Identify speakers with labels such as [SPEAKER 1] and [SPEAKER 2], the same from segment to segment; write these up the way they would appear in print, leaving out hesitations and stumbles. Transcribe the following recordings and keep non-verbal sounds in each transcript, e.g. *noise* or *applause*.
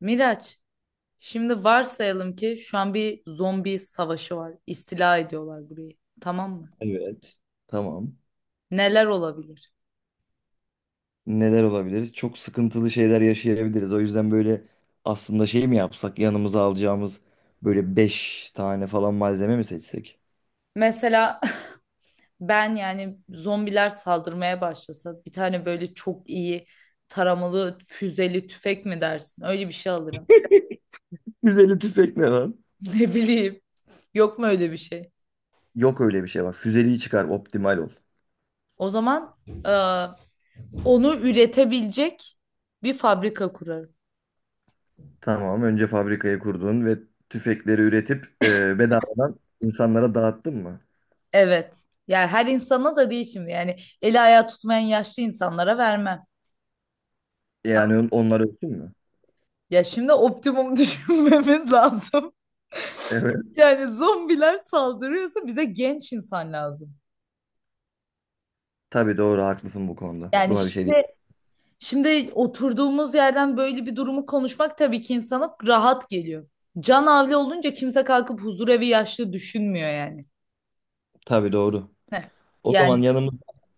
[SPEAKER 1] Miraç, şimdi varsayalım ki şu an bir zombi savaşı var. İstila ediyorlar burayı. Tamam mı?
[SPEAKER 2] Evet. Tamam.
[SPEAKER 1] Neler olabilir?
[SPEAKER 2] Neler olabilir? Çok sıkıntılı şeyler yaşayabiliriz. O yüzden böyle aslında şey mi yapsak? Yanımıza alacağımız böyle 5 tane falan malzeme mi seçsek?
[SPEAKER 1] Mesela *laughs* ben yani zombiler saldırmaya başlasa bir tane böyle çok iyi taramalı füzeli tüfek mi dersin? Öyle bir şey alırım. *laughs*
[SPEAKER 2] Füzeli tüfek ne lan?
[SPEAKER 1] Ne bileyim. Yok mu öyle bir şey?
[SPEAKER 2] Yok öyle bir şey bak. Füzeliği çıkar, optimal ol.
[SPEAKER 1] O zaman e, onu üretebilecek bir fabrika kurarım.
[SPEAKER 2] Tamam. Önce fabrikayı kurdun ve tüfekleri üretip bedavadan insanlara dağıttın mı?
[SPEAKER 1] Evet. Yani her insana da değil şimdi. Yani eli ayağı tutmayan yaşlı insanlara vermem.
[SPEAKER 2] Yani onlar ölsün mü?
[SPEAKER 1] Ya şimdi optimum *laughs* düşünmemiz lazım.
[SPEAKER 2] Evet.
[SPEAKER 1] Yani zombiler saldırıyorsa bize genç insan lazım.
[SPEAKER 2] Tabii doğru haklısın bu konuda.
[SPEAKER 1] Yani
[SPEAKER 2] Buna bir şey değil.
[SPEAKER 1] şimdi oturduğumuz yerden böyle bir durumu konuşmak tabii ki insana rahat geliyor. Can havli olunca kimse kalkıp huzurevi yaşlı düşünmüyor yani.
[SPEAKER 2] Tabii doğru.
[SPEAKER 1] Heh.
[SPEAKER 2] O zaman
[SPEAKER 1] Yani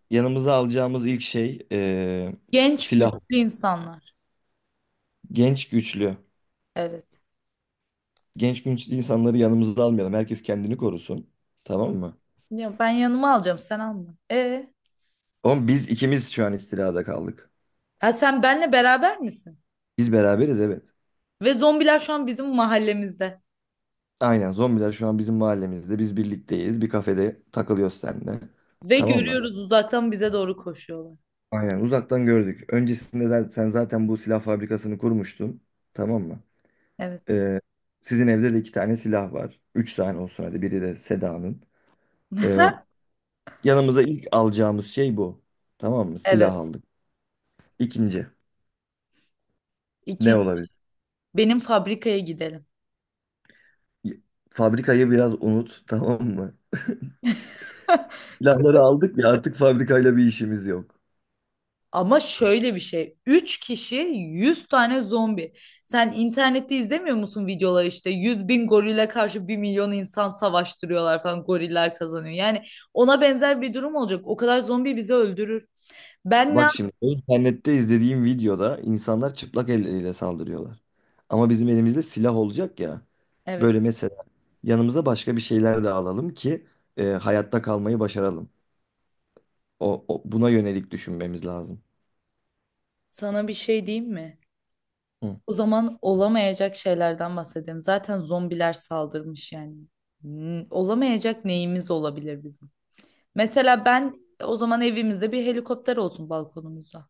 [SPEAKER 2] yanımıza alacağımız ilk şey
[SPEAKER 1] genç
[SPEAKER 2] silah.
[SPEAKER 1] güçlü insanlar.
[SPEAKER 2] Genç güçlü.
[SPEAKER 1] Evet.
[SPEAKER 2] Genç güçlü insanları yanımıza almayalım. Herkes kendini korusun. Tamam mı?
[SPEAKER 1] Ya ben yanıma alacağım sen alma.
[SPEAKER 2] Oğlum biz ikimiz şu an istilada kaldık.
[SPEAKER 1] Ha sen benle beraber misin?
[SPEAKER 2] Biz beraberiz, evet.
[SPEAKER 1] Ve zombiler şu an bizim mahallemizde.
[SPEAKER 2] Aynen, zombiler şu an bizim mahallemizde. Biz birlikteyiz. Bir kafede takılıyoruz seninle.
[SPEAKER 1] Ve
[SPEAKER 2] Tamam mı?
[SPEAKER 1] görüyoruz uzaktan bize doğru koşuyorlar.
[SPEAKER 2] Aynen uzaktan gördük. Öncesinde de sen zaten bu silah fabrikasını kurmuştun. Tamam mı?
[SPEAKER 1] Evet.
[SPEAKER 2] E, sizin evde de iki tane silah var. Üç tane olsun hadi. Biri de Seda'nın. Ee, Yanımıza ilk alacağımız şey bu. Tamam mı? Silah
[SPEAKER 1] Evet.
[SPEAKER 2] aldık. İkinci ne
[SPEAKER 1] İkinci,
[SPEAKER 2] olabilir?
[SPEAKER 1] benim fabrikaya gidelim.
[SPEAKER 2] Y- Fabrikayı biraz unut *laughs* tamam mı? Silahları aldık ya, artık fabrikayla bir işimiz yok.
[SPEAKER 1] Ama şöyle bir şey. 3 kişi 100 tane zombi. Sen internette izlemiyor musun videoları işte 100.000 gorile karşı 1.000.000 insan savaştırıyorlar falan goriller kazanıyor. Yani ona benzer bir durum olacak. O kadar zombi bizi öldürür. Ben ne
[SPEAKER 2] Bak
[SPEAKER 1] yap-
[SPEAKER 2] şimdi, internette izlediğim videoda insanlar çıplak elleriyle saldırıyorlar. Ama bizim elimizde silah olacak ya.
[SPEAKER 1] Evet.
[SPEAKER 2] Böyle mesela yanımıza başka bir şeyler de alalım ki hayatta kalmayı başaralım. Buna yönelik düşünmemiz lazım.
[SPEAKER 1] Sana bir şey diyeyim mi?
[SPEAKER 2] Hı.
[SPEAKER 1] O zaman olamayacak şeylerden bahsedeyim. Zaten zombiler saldırmış yani. Olamayacak neyimiz olabilir bizim? Mesela ben o zaman evimizde bir helikopter olsun balkonumuzda.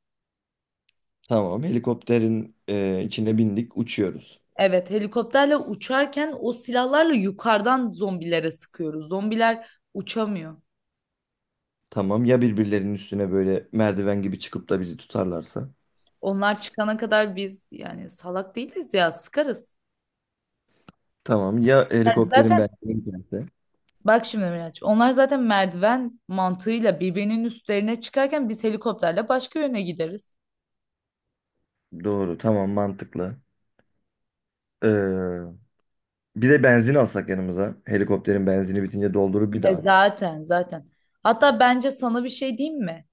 [SPEAKER 2] Tamam, helikopterin içine bindik, uçuyoruz.
[SPEAKER 1] Evet, helikopterle uçarken o silahlarla yukarıdan zombilere sıkıyoruz. Zombiler uçamıyor.
[SPEAKER 2] Tamam ya, birbirlerinin üstüne böyle merdiven gibi çıkıp da bizi tutarlarsa.
[SPEAKER 1] Onlar çıkana kadar biz yani salak değiliz ya sıkarız.
[SPEAKER 2] Tamam ya,
[SPEAKER 1] Yani
[SPEAKER 2] helikopterin
[SPEAKER 1] zaten
[SPEAKER 2] benzini biterse.
[SPEAKER 1] bak şimdi Miraç, onlar zaten merdiven mantığıyla birbirinin üstlerine çıkarken biz helikopterle başka yöne gideriz.
[SPEAKER 2] Doğru, tamam, mantıklı. Ee, bir de benzin alsak yanımıza. Helikopterin benzini bitince doldurup bir
[SPEAKER 1] E
[SPEAKER 2] daha.
[SPEAKER 1] zaten zaten. Hatta bence sana bir şey diyeyim mi?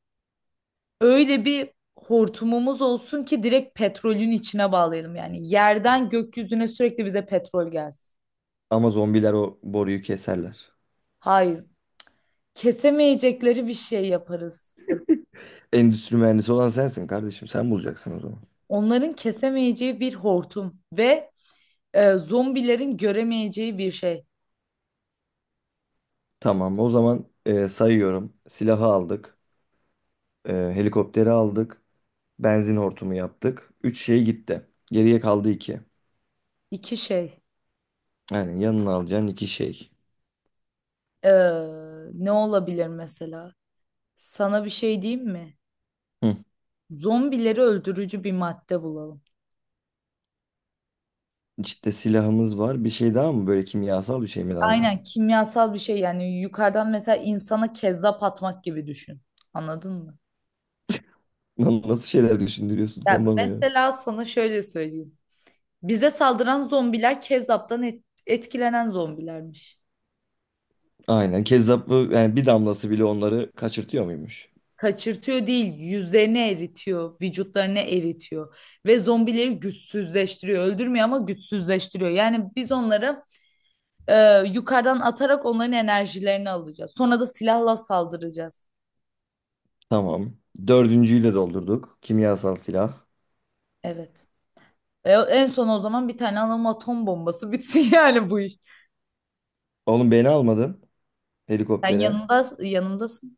[SPEAKER 1] Öyle bir hortumumuz olsun ki direkt petrolün içine bağlayalım. Yani yerden gökyüzüne sürekli bize petrol gelsin.
[SPEAKER 2] Ama zombiler o boruyu keserler.
[SPEAKER 1] Hayır, kesemeyecekleri bir şey yaparız.
[SPEAKER 2] Endüstri mühendisi olan sensin kardeşim. Sen bulacaksın o zaman.
[SPEAKER 1] Onların kesemeyeceği bir hortum ve zombilerin göremeyeceği bir şey.
[SPEAKER 2] Tamam o zaman, sayıyorum. Silahı aldık. Helikopteri aldık. Benzin hortumu yaptık. Üç şey gitti. Geriye kaldı iki.
[SPEAKER 1] İki şey.
[SPEAKER 2] Yani yanına alacağın 2 şey.
[SPEAKER 1] E, ne olabilir mesela? Sana bir şey diyeyim mi?
[SPEAKER 2] Hı.
[SPEAKER 1] Zombileri öldürücü bir madde bulalım.
[SPEAKER 2] İşte silahımız var. Bir şey daha mı? Böyle kimyasal bir şey mi lazım?
[SPEAKER 1] Aynen kimyasal bir şey yani yukarıdan mesela insana kezzap atmak gibi düşün. Anladın mı?
[SPEAKER 2] Lan nasıl şeyler düşündürüyorsun
[SPEAKER 1] Ya
[SPEAKER 2] sen bana ya?
[SPEAKER 1] mesela sana şöyle söyleyeyim. Bize saldıran zombiler Kezzap'tan etkilenen zombilermiş.
[SPEAKER 2] Aynen. Kezzaplı yani, bir damlası bile onları kaçırtıyor muymuş?
[SPEAKER 1] Kaçırtıyor değil, yüzlerini eritiyor, vücutlarını eritiyor ve zombileri güçsüzleştiriyor. Öldürmüyor ama güçsüzleştiriyor. Yani biz onları yukarıdan atarak onların enerjilerini alacağız. Sonra da silahla saldıracağız.
[SPEAKER 2] Tamam. Dördüncüyü de doldurduk. Kimyasal silah.
[SPEAKER 1] Evet. En son o zaman bir tane alalım atom bombası *laughs* bitsin yani bu iş.
[SPEAKER 2] Oğlum, beni almadın
[SPEAKER 1] Sen
[SPEAKER 2] helikoptere.
[SPEAKER 1] yanımda, yanımdasın.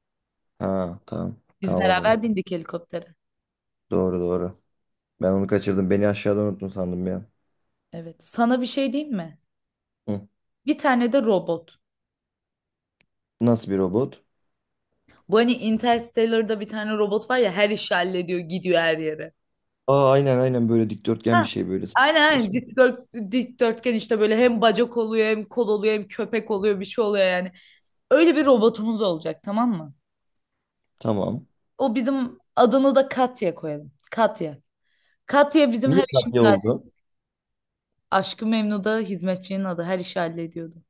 [SPEAKER 2] Ha, tamam.
[SPEAKER 1] Biz
[SPEAKER 2] Tamam o zaman.
[SPEAKER 1] beraber bindik helikoptere.
[SPEAKER 2] Doğru doğru. Ben onu kaçırdım. Beni aşağıda unuttun sandım ya.
[SPEAKER 1] Evet. Sana bir şey diyeyim mi?
[SPEAKER 2] Hı.
[SPEAKER 1] Bir tane de robot.
[SPEAKER 2] Nasıl bir robot?
[SPEAKER 1] Bu hani Interstellar'da bir tane robot var ya her işi hallediyor gidiyor her yere.
[SPEAKER 2] Aa, aynen aynen, böyle dikdörtgen
[SPEAKER 1] Ha,
[SPEAKER 2] bir şey böyle
[SPEAKER 1] aynen aynen
[SPEAKER 2] saçma.
[SPEAKER 1] Dikdörtgen işte böyle hem bacak oluyor hem kol oluyor hem köpek oluyor bir şey oluyor yani. Öyle bir robotumuz olacak tamam mı?
[SPEAKER 2] Tamam.
[SPEAKER 1] O bizim adını da Katya koyalım. Katya. Katya bizim
[SPEAKER 2] Niye
[SPEAKER 1] her işimizi
[SPEAKER 2] Katya
[SPEAKER 1] hallediyor.
[SPEAKER 2] oldu?
[SPEAKER 1] Aşkı Memnu'da hizmetçinin adı her işi hallediyordu.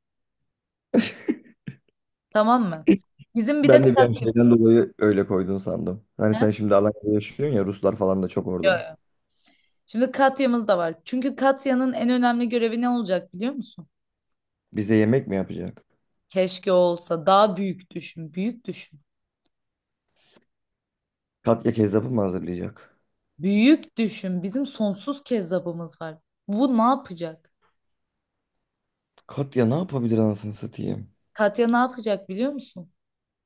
[SPEAKER 1] Tamam mı? Bizim bir de
[SPEAKER 2] Ben de bir an
[SPEAKER 1] Katya.
[SPEAKER 2] şeyden dolayı öyle koydun sandım. Hani
[SPEAKER 1] He?
[SPEAKER 2] sen şimdi Alanya'da yaşıyorsun ya, Ruslar falan da çok
[SPEAKER 1] Yo,
[SPEAKER 2] orada.
[SPEAKER 1] yo. Şimdi Katya'mız da var. Çünkü Katya'nın en önemli görevi ne olacak biliyor musun?
[SPEAKER 2] Bize yemek mi yapacak?
[SPEAKER 1] Keşke olsa daha büyük düşün, büyük düşün.
[SPEAKER 2] Katya kezzapı mı hazırlayacak?
[SPEAKER 1] Büyük düşün. Bizim sonsuz kezzabımız var. Bu ne yapacak?
[SPEAKER 2] Katya ne yapabilir anasını satayım?
[SPEAKER 1] Katya ne yapacak biliyor musun?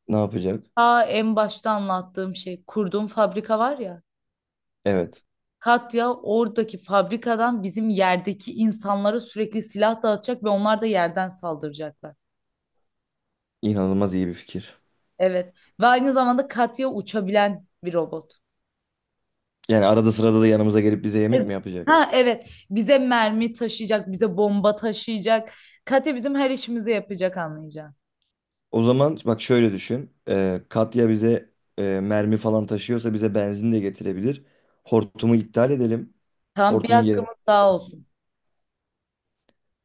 [SPEAKER 2] Ne yapacak?
[SPEAKER 1] Ta en başta anlattığım şey kurduğum fabrika var ya.
[SPEAKER 2] Evet.
[SPEAKER 1] Katya oradaki fabrikadan bizim yerdeki insanlara sürekli silah dağıtacak ve onlar da yerden saldıracaklar.
[SPEAKER 2] İnanılmaz iyi bir fikir.
[SPEAKER 1] Evet. Ve aynı zamanda Katya uçabilen bir robot.
[SPEAKER 2] Yani arada sırada da yanımıza gelip bize yemek
[SPEAKER 1] Ez-
[SPEAKER 2] mi yapacak?
[SPEAKER 1] Ha evet. Bize mermi taşıyacak, bize bomba taşıyacak. Katya bizim her işimizi yapacak anlayacağın.
[SPEAKER 2] O zaman bak şöyle düşün. Katya bize mermi falan taşıyorsa bize benzin de getirebilir. Hortumu iptal edelim.
[SPEAKER 1] Tam bir
[SPEAKER 2] Hortumun yerine
[SPEAKER 1] hakkımız sağ olsun.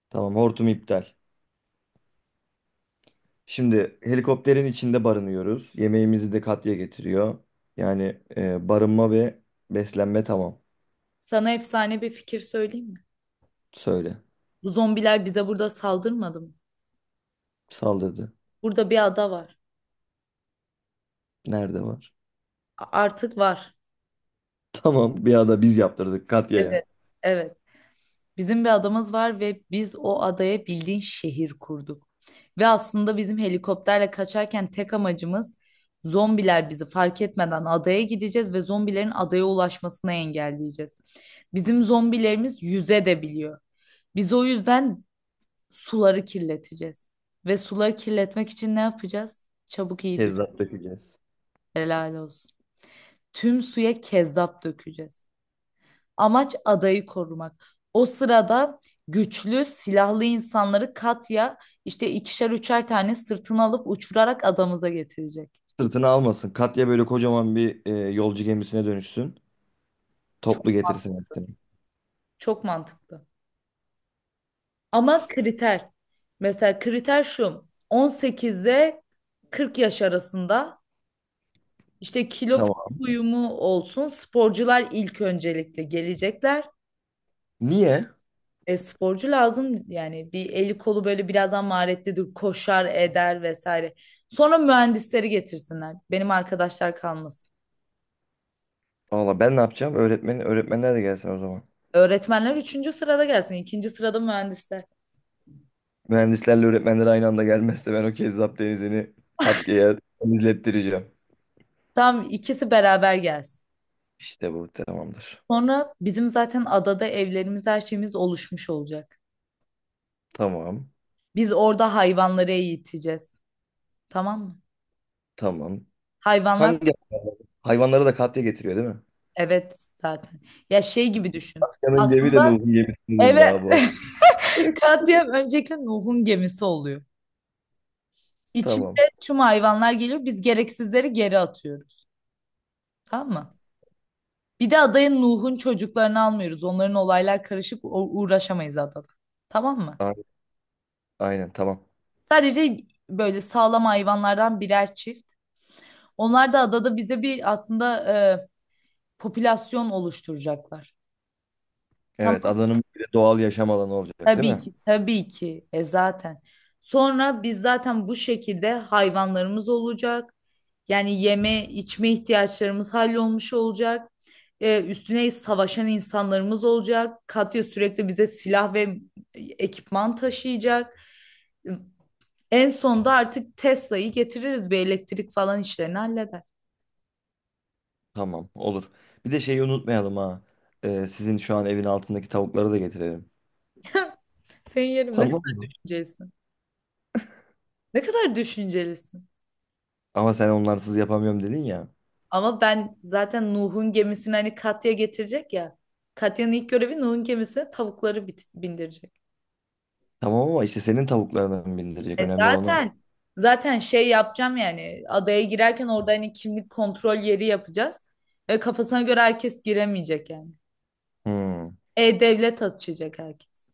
[SPEAKER 2] Tamam, hortum iptal. Şimdi helikopterin içinde barınıyoruz. Yemeğimizi de Katya getiriyor. Yani barınma ve beslenme tamam.
[SPEAKER 1] Sana efsane bir fikir söyleyeyim mi?
[SPEAKER 2] Söyle.
[SPEAKER 1] Bu zombiler bize burada saldırmadı mı?
[SPEAKER 2] Saldırdı.
[SPEAKER 1] Burada bir ada var.
[SPEAKER 2] Nerede var?
[SPEAKER 1] Artık var.
[SPEAKER 2] *laughs* Tamam, bir anda biz yaptırdık Katya'ya.
[SPEAKER 1] Evet, evet. Bizim bir adamız var ve biz o adaya bildiğin şehir kurduk. Ve aslında bizim helikopterle kaçarken tek amacımız zombiler bizi fark etmeden adaya gideceğiz ve zombilerin adaya ulaşmasını engelleyeceğiz. Bizim zombilerimiz yüze de biliyor. Biz o yüzden suları kirleteceğiz. Ve suları kirletmek için ne yapacağız? Çabuk iyi düşün.
[SPEAKER 2] Kezzap dökeceğiz.
[SPEAKER 1] Helal olsun. Tüm suya kezzap dökeceğiz. Amaç adayı korumak. O sırada güçlü silahlı insanları Katya işte ikişer üçer tane sırtına alıp uçurarak adamıza getirecek.
[SPEAKER 2] Sırtını almasın. Katya böyle kocaman bir yolcu gemisine dönüşsün.
[SPEAKER 1] Çok,
[SPEAKER 2] Toplu getirsin hepsini.
[SPEAKER 1] çok mantıklı. Ama kriter. Mesela kriter şu. 18'de 40 yaş arasında İşte kilo
[SPEAKER 2] Tamam.
[SPEAKER 1] uyumu olsun. Sporcular ilk öncelikle gelecekler.
[SPEAKER 2] Niye?
[SPEAKER 1] Sporcu lazım yani bir eli kolu böyle birazdan maharetlidir, koşar eder vesaire. Sonra mühendisleri getirsinler. Benim arkadaşlar kalmasın.
[SPEAKER 2] Valla ben ne yapacağım? Öğretmen, öğretmenler de gelsin o zaman.
[SPEAKER 1] Öğretmenler üçüncü sırada gelsin. İkinci sırada mühendisler.
[SPEAKER 2] Mühendislerle öğretmenler aynı anda gelmezse ben o kezzap denizini Katya'ya izlettireceğim.
[SPEAKER 1] Tam ikisi beraber gelsin.
[SPEAKER 2] İşte bu tamamdır.
[SPEAKER 1] Sonra bizim zaten adada evlerimiz her şeyimiz oluşmuş olacak.
[SPEAKER 2] Tamam.
[SPEAKER 1] Biz orada hayvanları eğiteceğiz. Tamam mı?
[SPEAKER 2] Tamam.
[SPEAKER 1] Hayvanlar
[SPEAKER 2] Hangi hayvanları da Katya getiriyor değil mi?
[SPEAKER 1] evet zaten. Ya şey gibi düşün.
[SPEAKER 2] Katya'nın cebi
[SPEAKER 1] Aslında
[SPEAKER 2] de Nuh'un gemisinin
[SPEAKER 1] eve
[SPEAKER 2] daha bu.
[SPEAKER 1] *laughs*
[SPEAKER 2] *laughs*
[SPEAKER 1] Katya öncelikle Nuh'un gemisi oluyor.
[SPEAKER 2] Tamam.
[SPEAKER 1] İçinde tüm hayvanlar geliyor. Biz gereksizleri geri atıyoruz. Tamam mı? Bir de adaya Nuh'un çocuklarını almıyoruz. Onların olaylar karışık uğraşamayız adada. Tamam mı?
[SPEAKER 2] A- Aynen, tamam.
[SPEAKER 1] Sadece böyle sağlam hayvanlardan birer çift. Onlar da adada bize bir aslında e, popülasyon oluşturacaklar.
[SPEAKER 2] Evet,
[SPEAKER 1] Tamam.
[SPEAKER 2] adanın bir de doğal yaşam alanı olacak değil
[SPEAKER 1] Tabii
[SPEAKER 2] mi?
[SPEAKER 1] ki, tabii ki. E zaten. Sonra biz zaten bu şekilde hayvanlarımız olacak. Yani yeme, içme ihtiyaçlarımız hallolmuş olacak. Üstüne savaşan insanlarımız olacak. Katya sürekli bize silah ve ekipman taşıyacak. En sonunda artık Tesla'yı getiririz. Bir elektrik falan işlerini halleder.
[SPEAKER 2] Tamam, olur. Bir de şeyi unutmayalım ha. Sizin şu an evin altındaki tavukları da getirelim.
[SPEAKER 1] *laughs* Senin yerim ne
[SPEAKER 2] Tamam.
[SPEAKER 1] kadar düşüncelisin. Ne kadar düşüncelisin.
[SPEAKER 2] Ama sen onlarsız yapamıyorum dedin ya.
[SPEAKER 1] Ama ben zaten Nuh'un gemisini hani Katya getirecek ya. Katya'nın ilk görevi Nuh'un gemisine tavukları bindirecek.
[SPEAKER 2] Tamam ama işte senin tavuklarını bindirecek.
[SPEAKER 1] E
[SPEAKER 2] Önemli olan o.
[SPEAKER 1] zaten zaten şey yapacağım yani adaya girerken orada hani kimlik kontrol yeri yapacağız. E kafasına göre herkes giremeyecek yani.
[SPEAKER 2] Hmm.
[SPEAKER 1] E-devlet açacak herkes.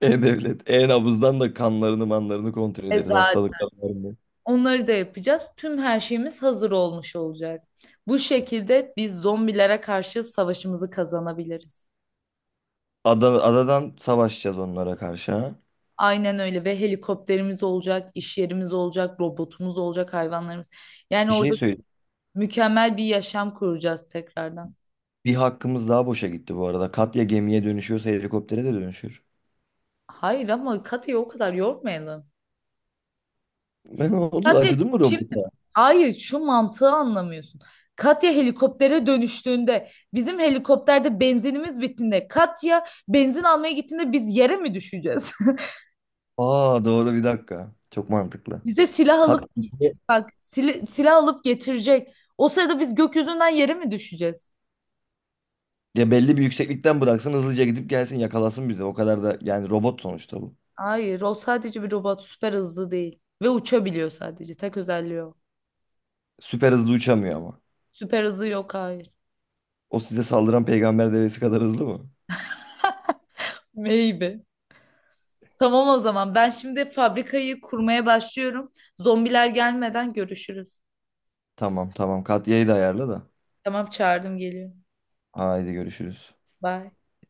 [SPEAKER 2] E-Devlet. E-Nabız'dan da kanlarını manlarını kontrol
[SPEAKER 1] E
[SPEAKER 2] ederiz.
[SPEAKER 1] zaten
[SPEAKER 2] Hastalıklarını.
[SPEAKER 1] onları da yapacağız. Tüm her şeyimiz hazır olmuş olacak. Bu şekilde biz zombilere karşı savaşımızı kazanabiliriz.
[SPEAKER 2] Adadan savaşacağız onlara karşı, ha.
[SPEAKER 1] Aynen öyle ve helikopterimiz olacak, iş yerimiz olacak, robotumuz olacak, hayvanlarımız. Yani
[SPEAKER 2] Bir şey
[SPEAKER 1] orada
[SPEAKER 2] söyleyeyim.
[SPEAKER 1] mükemmel bir yaşam kuracağız tekrardan.
[SPEAKER 2] Bir hakkımız daha boşa gitti bu arada. Katya gemiye dönüşüyorsa helikoptere de dönüşür. *laughs*
[SPEAKER 1] Hayır ama Katya'yı o kadar yormayalım.
[SPEAKER 2] Ne oldu?
[SPEAKER 1] Katya
[SPEAKER 2] Acıdı mı
[SPEAKER 1] şimdi
[SPEAKER 2] robota?
[SPEAKER 1] hayır şu mantığı anlamıyorsun. Katya helikoptere dönüştüğünde bizim helikopterde benzinimiz bittiğinde Katya benzin almaya gittiğinde biz yere mi düşeceğiz?
[SPEAKER 2] Aa doğru, bir dakika. Çok mantıklı.
[SPEAKER 1] *laughs* Bize silah
[SPEAKER 2] Kat
[SPEAKER 1] alıp bak silah alıp getirecek. O sırada biz gökyüzünden yere mi düşeceğiz?
[SPEAKER 2] ya belli bir yükseklikten bıraksın, hızlıca gidip gelsin, yakalasın bizi. O kadar da yani, robot sonuçta bu.
[SPEAKER 1] Hayır, o sadece bir robot. Süper hızlı değil. Ve uçabiliyor sadece. Tek özelliği o.
[SPEAKER 2] Süper hızlı uçamıyor ama.
[SPEAKER 1] Süper hızı yok, hayır.
[SPEAKER 2] O size saldıran peygamber devesi kadar hızlı mı?
[SPEAKER 1] Maybe. Tamam o zaman. Ben şimdi fabrikayı kurmaya başlıyorum. Zombiler gelmeden görüşürüz.
[SPEAKER 2] Tamam tamam. Katya'yı da ayarla da.
[SPEAKER 1] Tamam, çağırdım geliyor.
[SPEAKER 2] Haydi görüşürüz.
[SPEAKER 1] Bye.